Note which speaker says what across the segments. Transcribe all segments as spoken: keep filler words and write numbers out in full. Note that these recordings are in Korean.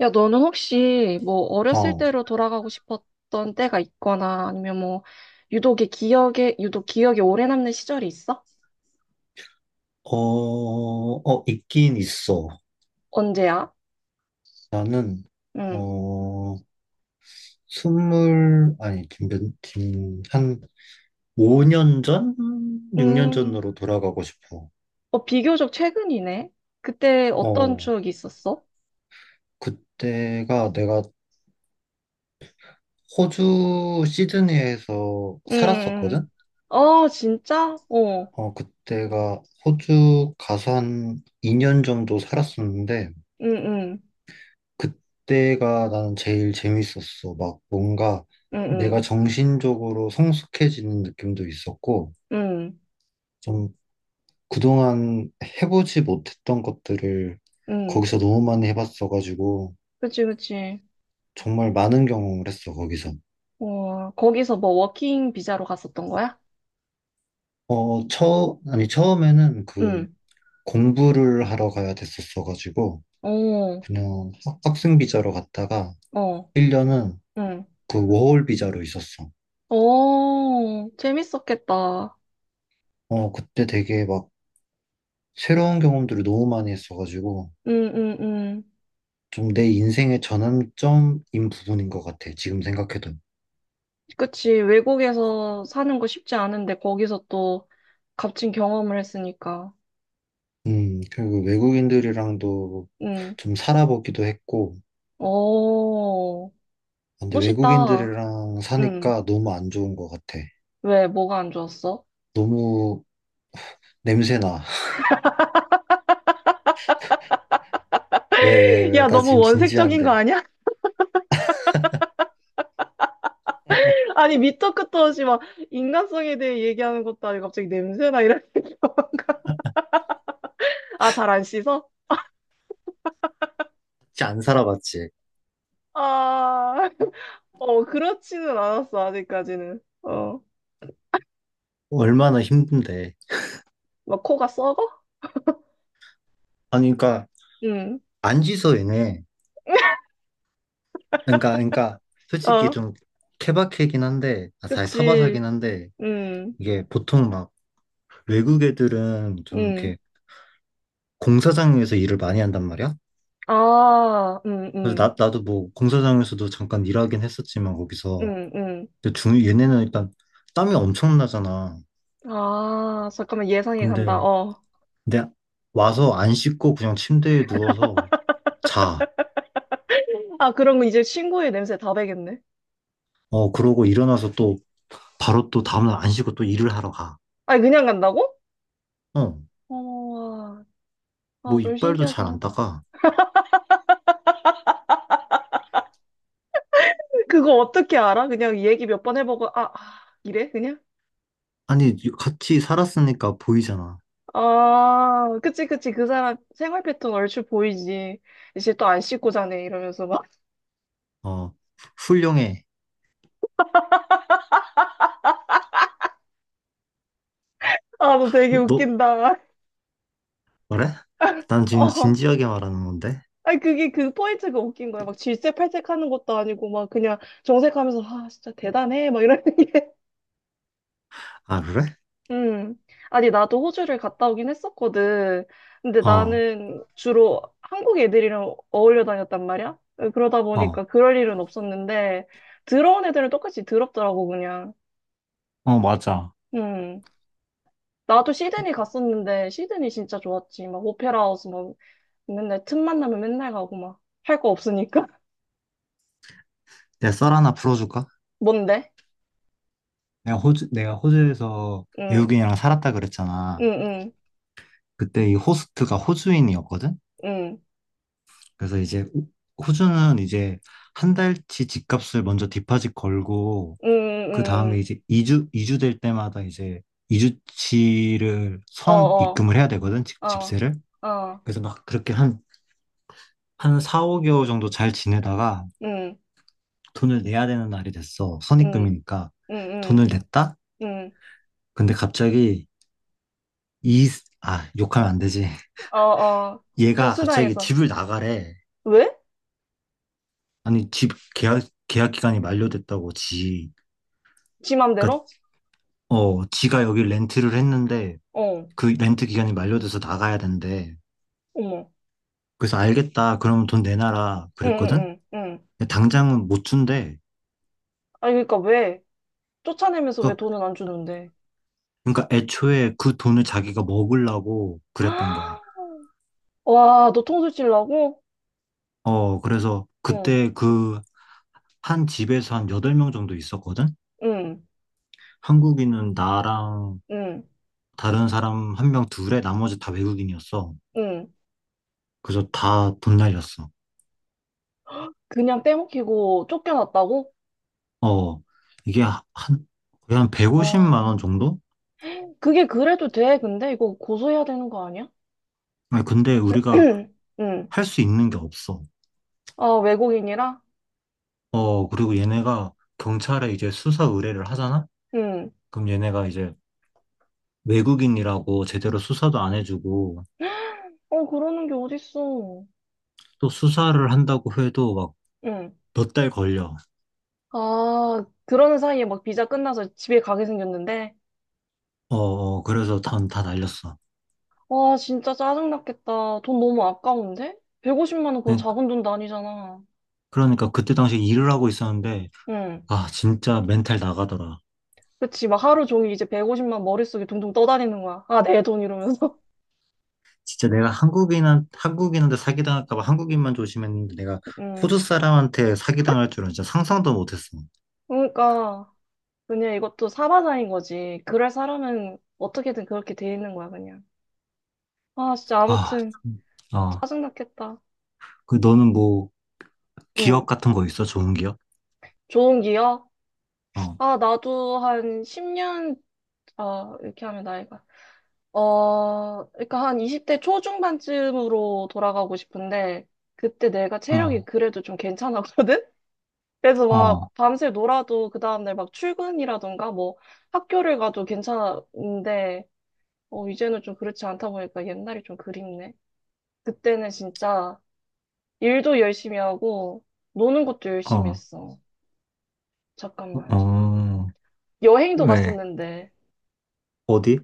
Speaker 1: 야, 너는 혹시 뭐 어렸을
Speaker 2: 어,
Speaker 1: 때로 돌아가고 싶었던 때가 있거나 아니면 뭐 유독의 기억에 유독 기억에 오래 남는 시절이 있어?
Speaker 2: 어, 어, 있긴 있어.
Speaker 1: 언제야?
Speaker 2: 나는,
Speaker 1: 응.
Speaker 2: 어, 스물, 아니, 지금, 몇, 지금 한 오 년 전? 육 년
Speaker 1: 음,
Speaker 2: 전으로 돌아가고 싶어.
Speaker 1: 어, 비교적 최근이네. 그때 어떤
Speaker 2: 어,
Speaker 1: 추억이 있었어?
Speaker 2: 그때가 내가 호주 시드니에서
Speaker 1: 응. 음,
Speaker 2: 살았었거든?
Speaker 1: 음. 어, 진짜? 어.
Speaker 2: 어, 그때가 호주 가서 한 이 년 정도 살았었는데,
Speaker 1: 응, 응.
Speaker 2: 그때가 나는 제일 재밌었어. 막 뭔가
Speaker 1: 응,
Speaker 2: 내가
Speaker 1: 응.
Speaker 2: 정신적으로 성숙해지는 느낌도 있었고,
Speaker 1: 응.
Speaker 2: 좀 그동안 해보지 못했던 것들을
Speaker 1: 응.
Speaker 2: 거기서 너무 많이 해봤어가지고,
Speaker 1: 그치, 그치.
Speaker 2: 정말 많은 경험을 했어, 거기서.
Speaker 1: 어, 거기서 뭐 워킹 비자로 갔었던 거야?
Speaker 2: 어, 처, 아니, 처음에는 그
Speaker 1: 응.
Speaker 2: 공부를 하러 가야 됐었어가지고,
Speaker 1: 어.
Speaker 2: 그냥 학- 학생 비자로 갔다가,
Speaker 1: 어.
Speaker 2: 일 년은
Speaker 1: 응.
Speaker 2: 그 워홀 비자로 있었어.
Speaker 1: 오, 재밌었겠다.
Speaker 2: 어, 그때 되게 막 새로운 경험들을 너무 많이 했어가지고,
Speaker 1: 응, 응, 응.
Speaker 2: 좀 내 인생의 전환점인 부분인 것 같아. 지금 생각해도.
Speaker 1: 그치. 외국에서 사는 거 쉽지 않은데 거기서 또 값진 경험을 했으니까.
Speaker 2: 음, 그리고 외국인들이랑도
Speaker 1: 응.
Speaker 2: 좀 살아보기도 했고,
Speaker 1: 오,
Speaker 2: 근데
Speaker 1: 멋있다.
Speaker 2: 외국인들이랑
Speaker 1: 응.
Speaker 2: 사니까 너무 안 좋은 것 같아.
Speaker 1: 왜, 뭐가 안 좋았어?
Speaker 2: 너무 냄새나. 왜, 왜, 왜?
Speaker 1: 야,
Speaker 2: 나
Speaker 1: 너무
Speaker 2: 지금
Speaker 1: 원색적인 거
Speaker 2: 진지한데.
Speaker 1: 아니야? 아니, 밑도 끝도 없이 막 인간성에 대해 얘기하는 것도 아니고 갑자기 냄새나 이런 아, 잘 안 씻어?
Speaker 2: 진짜 안 살아봤지.
Speaker 1: 아, 어, 그렇지는 않았어, 아직까지는. 어,
Speaker 2: 얼마나 힘든데.
Speaker 1: 막 코가 썩어?
Speaker 2: 아니, 그러니까,
Speaker 1: 응.
Speaker 2: 안지서 얘네. 그러니까, 그러니까, 솔직히
Speaker 1: 어,
Speaker 2: 좀 케바케긴 한데, 아, 사실 사바사긴
Speaker 1: 그치.
Speaker 2: 한데,
Speaker 1: 응,
Speaker 2: 이게 보통 막 외국 애들은 좀
Speaker 1: 응.
Speaker 2: 이렇게 공사장에서 일을 많이 한단 말이야.
Speaker 1: 아, 응,
Speaker 2: 그래서
Speaker 1: 응,
Speaker 2: 나, 나도 뭐 공사장에서도 잠깐 일하긴 했었지만 거기서.
Speaker 1: 응, 응.
Speaker 2: 근데 중 얘네는 일단 땀이 엄청나잖아.
Speaker 1: 아, 잠깐만, 예상이 간다.
Speaker 2: 근데
Speaker 1: 어.
Speaker 2: 근데 와서 안 씻고 그냥 침대에 누워서 자.
Speaker 1: 아, 그럼 이제 친구의 냄새 다 배겠네.
Speaker 2: 어 그러고 일어나서 또 바로 또 다음날 안 씻고 또 일을 하러 가.
Speaker 1: 아니, 그냥 간다고?
Speaker 2: 어
Speaker 1: 어, 아,
Speaker 2: 뭐
Speaker 1: 좀
Speaker 2: 이빨도 잘
Speaker 1: 신기하긴
Speaker 2: 안
Speaker 1: 하다.
Speaker 2: 닦아.
Speaker 1: 그거 어떻게 알아? 그냥 얘기 몇 번 해보고, 아, 아, 이래? 그냥?
Speaker 2: 아니 같이 살았으니까 보이잖아.
Speaker 1: 아, 그치, 그치. 그 사람 생활 패턴 얼추 보이지. 이제 또 안 씻고 자네. 이러면서 막.
Speaker 2: 어. 훌륭해.
Speaker 1: 아, 너 되게
Speaker 2: 너
Speaker 1: 웃긴다.
Speaker 2: 그래? 난 지금
Speaker 1: 어.
Speaker 2: 진지하게 말하는 건데.
Speaker 1: 아니 그게 그 포인트가 웃긴 거야. 막 질색팔색 하는 것도 아니고 막 그냥 정색하면서 아 진짜 대단해 막 이러는 게.
Speaker 2: 아, 그래?
Speaker 1: 음. 아니 나도 호주를 갔다 오긴 했었거든. 근데
Speaker 2: 어,
Speaker 1: 나는 주로 한국 애들이랑 어울려 다녔단 말이야. 어, 그러다
Speaker 2: 어.
Speaker 1: 보니까 그럴 일은 없었는데 들어온 애들은 똑같이 더럽더라고 그냥.
Speaker 2: 어, 맞아.
Speaker 1: 음. 나도 시드니 갔었는데 시드니 진짜 좋았지. 막 오페라 하우스 막 맨날 틈만 나면 맨날 가고 막 할 거 없으니까.
Speaker 2: 내가 썰 하나 풀어줄까?
Speaker 1: 뭔데?
Speaker 2: 내가 호주, 내가 호주에서
Speaker 1: 응.
Speaker 2: 외국인이랑 살았다
Speaker 1: 응,
Speaker 2: 그랬잖아.
Speaker 1: 응,
Speaker 2: 그때 이 호스트가 호주인이었거든?
Speaker 1: 응.
Speaker 2: 그래서 이제 호- 호주는 이제 한 달 치 집값을 먼저 디파짓 걸고,
Speaker 1: 음,
Speaker 2: 그
Speaker 1: 음,
Speaker 2: 다음에
Speaker 1: 음.
Speaker 2: 이제 이주이주될 때마다 이제
Speaker 1: 어,
Speaker 2: 이주치를선
Speaker 1: 어,
Speaker 2: 입금을 해야 되거든? 집,
Speaker 1: 어,
Speaker 2: 집세를.
Speaker 1: 어,
Speaker 2: 그래서 막 그렇게 한, 한 사, 오 개월 정도 잘 지내다가
Speaker 1: 음,
Speaker 2: 돈을 내야 되는 날이 됐어.
Speaker 1: 음,
Speaker 2: 선입금이니까.
Speaker 1: 음, 음,
Speaker 2: 돈을 냈다?
Speaker 1: 음,
Speaker 2: 근데 갑자기 이, 아, 욕하면 안 되지.
Speaker 1: 어, 어, 좀
Speaker 2: 얘가 갑자기
Speaker 1: 수다해서.
Speaker 2: 집을 나가래.
Speaker 1: 왜?
Speaker 2: 아니, 집 계약, 계약 기간이 만료됐다고, 지.
Speaker 1: 지
Speaker 2: 그니까,
Speaker 1: 맘대로?
Speaker 2: 어, 지가 여기 렌트를 했는데,
Speaker 1: 어,
Speaker 2: 그 렌트 기간이 만료돼서 나가야 된대.
Speaker 1: 어머,
Speaker 2: 그래서 알겠다. 그럼 돈 내놔라.
Speaker 1: 응,
Speaker 2: 그랬거든?
Speaker 1: 응, 응, 응.
Speaker 2: 근데 당장은 못 준대.
Speaker 1: 아니, 그러니까 왜? 쫓아내면서 왜
Speaker 2: 그니까,
Speaker 1: 돈은 안 주는데?
Speaker 2: 그니까 애초에 그 돈을 자기가 먹으려고 그랬던 거야.
Speaker 1: 와, 너 통수 찔라고
Speaker 2: 어, 그래서
Speaker 1: 응,
Speaker 2: 그때 그 한 집에서 한 여덟 명 정도 있었거든?
Speaker 1: 응,
Speaker 2: 한국인은 나랑
Speaker 1: 응,
Speaker 2: 다른 사람 한 명 둘에 나머지 다 외국인이었어.
Speaker 1: 응.
Speaker 2: 그래서 다 돈 날렸어.
Speaker 1: 그냥 떼먹히고 쫓겨났다고?
Speaker 2: 어, 이게 한, 거의 한 백오십만 원
Speaker 1: 와,
Speaker 2: 정도?
Speaker 1: 그게 그래도 돼, 근데? 이거 고소해야 되는 거 아니야?
Speaker 2: 아니, 근데 우리가
Speaker 1: 응.
Speaker 2: 할 수 있는 게 없어.
Speaker 1: 아, 외국인이라?
Speaker 2: 어, 그리고 얘네가 경찰에 이제 수사 의뢰를 하잖아?
Speaker 1: 응.
Speaker 2: 그럼 얘네가 이제 외국인이라고 제대로 수사도 안 해주고,
Speaker 1: 어, 그러는 게 어딨어.
Speaker 2: 또 수사를 한다고 해도 막
Speaker 1: 응.
Speaker 2: 몇 달 걸려.
Speaker 1: 아, 그러는 사이에 막 비자 끝나서 집에 가게 생겼는데,
Speaker 2: 어, 어, 그래서 다, 다 날렸어.
Speaker 1: 와, 진짜 짜증났겠다. 돈 너무 아까운데? 백오십만 원 그거
Speaker 2: 그러니까
Speaker 1: 작은 돈도 아니잖아.
Speaker 2: 그러니까 그때 당시 일을 하고 있었는데,
Speaker 1: 응.
Speaker 2: 아, 진짜 멘탈 나가더라.
Speaker 1: 그치, 막 하루 종일 이제 백오십만 머릿속에 둥둥 떠다니는 거야. 아, 내 돈 이러면서.
Speaker 2: 진짜 내가 한국인한 한국인한테 사기당할까 봐 한국인만 조심했는데 내가
Speaker 1: 응.
Speaker 2: 호주 사람한테 사기당할 줄은 진짜 상상도 못했어.
Speaker 1: 그러니까, 그냥 이것도 사바사인 거지. 그럴 사람은 어떻게든 그렇게 돼 있는 거야, 그냥. 아, 진짜
Speaker 2: 아,
Speaker 1: 아무튼
Speaker 2: 참. 어.
Speaker 1: 짜증났겠다.
Speaker 2: 그 너는 뭐 기억
Speaker 1: 응.
Speaker 2: 같은 거 있어? 좋은 기억?
Speaker 1: 좋은 기억?
Speaker 2: 어,
Speaker 1: 아, 나도 한 십 년 아, 이렇게 하면 나이가. 어, 그러니까 한 이십 대 초중반쯤으로 돌아가고 싶은데, 그때 내가 체력이
Speaker 2: 어,
Speaker 1: 그래도 좀 괜찮았거든? 그래서 막
Speaker 2: 어,
Speaker 1: 밤새 놀아도 그 다음날 막 출근이라던가 뭐 학교를 가도 괜찮은데, 어, 이제는 좀 그렇지 않다 보니까 옛날이 좀 그립네. 그때는 진짜 일도 열심히 하고, 노는 것도 열심히
Speaker 2: 어,
Speaker 1: 했어. 잠깐만.
Speaker 2: 어.
Speaker 1: 여행도
Speaker 2: 왜?
Speaker 1: 갔었는데,
Speaker 2: 어디?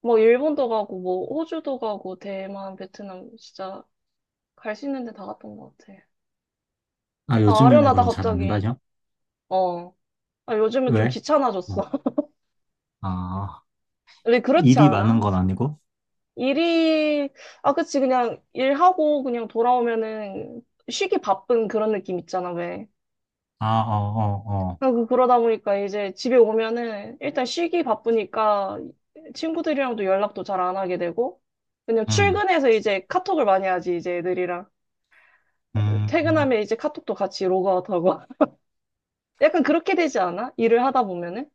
Speaker 1: 뭐 일본도 가고, 뭐 호주도 가고, 대만, 베트남, 진짜 갈 수 있는 데 다 갔던 것 같아.
Speaker 2: 아,
Speaker 1: 아,
Speaker 2: 요즘에는
Speaker 1: 아련하다,
Speaker 2: 그럼 잘 안
Speaker 1: 갑자기.
Speaker 2: 다녀?
Speaker 1: 어. 아, 요즘은 좀
Speaker 2: 왜?
Speaker 1: 귀찮아졌어.
Speaker 2: 어. 아,
Speaker 1: 근데 그렇지
Speaker 2: 일이 많은
Speaker 1: 않아?
Speaker 2: 건 아니고?
Speaker 1: 일이, 아, 그치. 그냥 일하고 그냥 돌아오면은 쉬기 바쁜 그런 느낌 있잖아, 왜.
Speaker 2: 아, 어, 어, 어.
Speaker 1: 아, 그, 그러다 보니까 이제 집에 오면은 일단 쉬기 바쁘니까 친구들이랑도 연락도 잘 안 하게 되고, 그냥
Speaker 2: 음,
Speaker 1: 출근해서 이제 카톡을 많이 하지, 이제 애들이랑.
Speaker 2: 음.
Speaker 1: 퇴근하면 이제 카톡도 같이 로그아웃하고. 약간 그렇게 되지 않아? 일을 하다 보면은?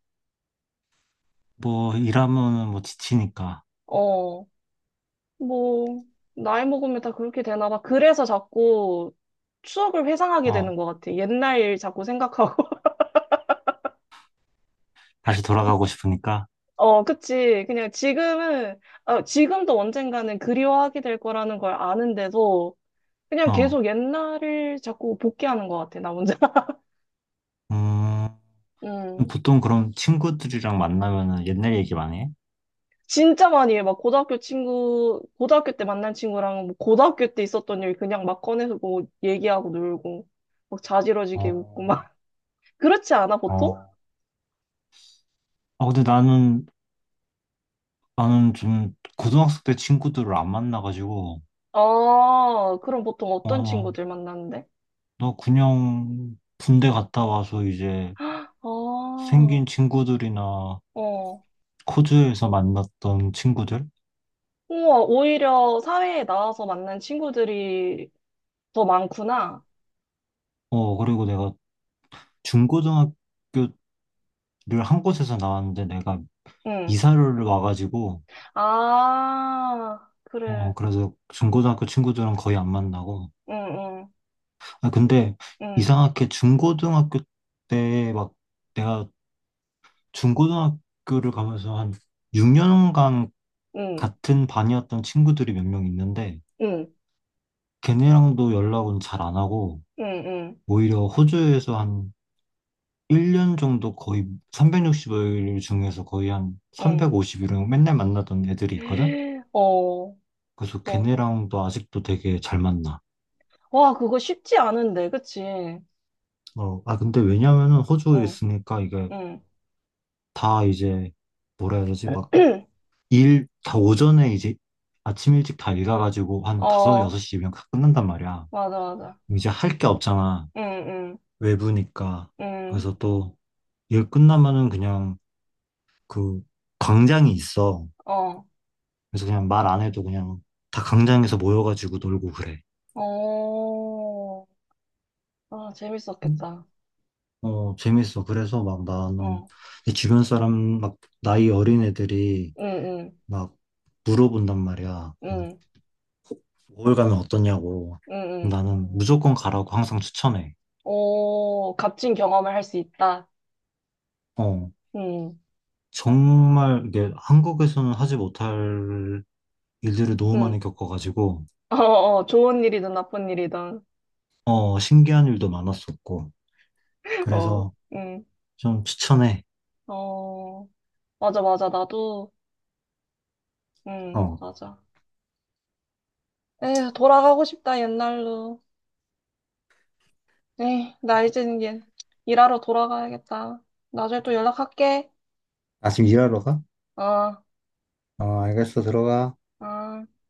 Speaker 2: 뭐 일하면은 뭐 지치니까.
Speaker 1: 어. 뭐, 나이 먹으면 다 그렇게 되나 봐. 그래서 자꾸 추억을 회상하게
Speaker 2: 어.
Speaker 1: 되는 것 같아. 옛날 일 자꾸 생각하고.
Speaker 2: 다시 돌아가고 싶으니까.
Speaker 1: 어, 그치. 그냥 지금은, 어 지금도 언젠가는 그리워하게 될 거라는 걸 아는데도 그냥
Speaker 2: 어.
Speaker 1: 계속 옛날을 자꾸 복귀하는 것 같아, 나 혼자.
Speaker 2: 음,
Speaker 1: 음.
Speaker 2: 보통 그럼 친구들이랑 만나면은 옛날 얘기 많이 해?
Speaker 1: 진짜 많이 해. 막 고등학교 친구, 고등학교 때 만난 친구랑 뭐 고등학교 때 있었던 일 그냥 막 꺼내서 뭐 얘기하고 놀고, 막 자지러지게 웃고
Speaker 2: 어,
Speaker 1: 막. 그렇지 않아, 보통?
Speaker 2: 어. 아, 근데 나는, 나는 좀 고등학생 때 친구들을 안 만나가지고,
Speaker 1: 아, 그럼 보통 어떤
Speaker 2: 어,
Speaker 1: 친구들 만나는데?
Speaker 2: 나 그냥 군대 갔다 와서 이제
Speaker 1: 아,
Speaker 2: 생긴 친구들이나
Speaker 1: 어.
Speaker 2: 코즈에서 만났던 친구들?
Speaker 1: 우와, 오히려 사회에 나와서 만난 친구들이 더 많구나.
Speaker 2: 어, 그리고 내가 중고등학교를 한 곳에서 나왔는데 내가
Speaker 1: 응.
Speaker 2: 이사를 와가지고,
Speaker 1: 아, 그래.
Speaker 2: 어, 그래서 중고등학교 친구들은 거의 안 만나고,
Speaker 1: 응,
Speaker 2: 아, 근데
Speaker 1: 응,
Speaker 2: 이상하게 중고등학교 때 막 내가 중고등학교를 가면서 한 육 년간
Speaker 1: 응,
Speaker 2: 같은 반이었던 친구들이 몇 명 있는데
Speaker 1: 응,
Speaker 2: 걔네랑도 연락은 잘 안 하고
Speaker 1: 응, 응,
Speaker 2: 오히려 호주에서 한 일 년 정도 거의 삼백육십오 일 중에서 거의 한
Speaker 1: 응.
Speaker 2: 삼백오십 일은 맨날 만나던 애들이 있거든?
Speaker 1: 어,
Speaker 2: 그래서
Speaker 1: 어.
Speaker 2: 걔네랑도 아직도 되게 잘 만나.
Speaker 1: 와, 그거 쉽지 않은데, 그치?
Speaker 2: 어, 아, 근데 왜냐면은 호주에
Speaker 1: 응,
Speaker 2: 있으니까 이게
Speaker 1: 응.
Speaker 2: 다 이제 뭐라 해야 되지? 일, 다 오전에 이제 아침 일찍 다 일가가지고 한 다섯, 여섯
Speaker 1: 어,
Speaker 2: 시 이면 다 끝난단 말이야.
Speaker 1: 맞아, 맞아.
Speaker 2: 그럼 이제 할 게 없잖아.
Speaker 1: 응, 응,
Speaker 2: 외부니까.
Speaker 1: 응.
Speaker 2: 그래서 또 일 끝나면은 그냥 그 광장이 있어.
Speaker 1: 어,
Speaker 2: 그래서 그냥 말 안 해도 그냥 다 광장에서 모여가지고 놀고 그래.
Speaker 1: 어. 아,
Speaker 2: 음.
Speaker 1: 재밌었겠다.
Speaker 2: 어, 재밌어. 그래서 막 나는
Speaker 1: 어,
Speaker 2: 내 주변 사람 막 나이 어린 애들이
Speaker 1: 응, 응,
Speaker 2: 막 물어본단 말이야. 그
Speaker 1: 응,
Speaker 2: 월 가면 어떠냐고.
Speaker 1: 응, 응.
Speaker 2: 나는 무조건 가라고 항상 추천해.
Speaker 1: 오, 값진 경험을 할 수 있다.
Speaker 2: 어,
Speaker 1: 응,
Speaker 2: 정말 이게 한국에서는 하지 못할 일들을 너무
Speaker 1: 응.
Speaker 2: 많이 겪어가지고,
Speaker 1: 어, 어, 좋은 일이든 나쁜 일이든.
Speaker 2: 어, 신기한 일도 많았었고,
Speaker 1: 어,
Speaker 2: 그래서
Speaker 1: 응.
Speaker 2: 좀 추천해.
Speaker 1: 어, 맞아, 맞아. 나도, 응,
Speaker 2: 어.
Speaker 1: 맞아. 에, 돌아가고 싶다, 옛날로. 에, 나 이제 이제 일하러 돌아가야겠다. 나중에 또 연락할게.
Speaker 2: 나 지금 일하러 가?
Speaker 1: 어,
Speaker 2: 어, 알겠어. 들어가.
Speaker 1: 어.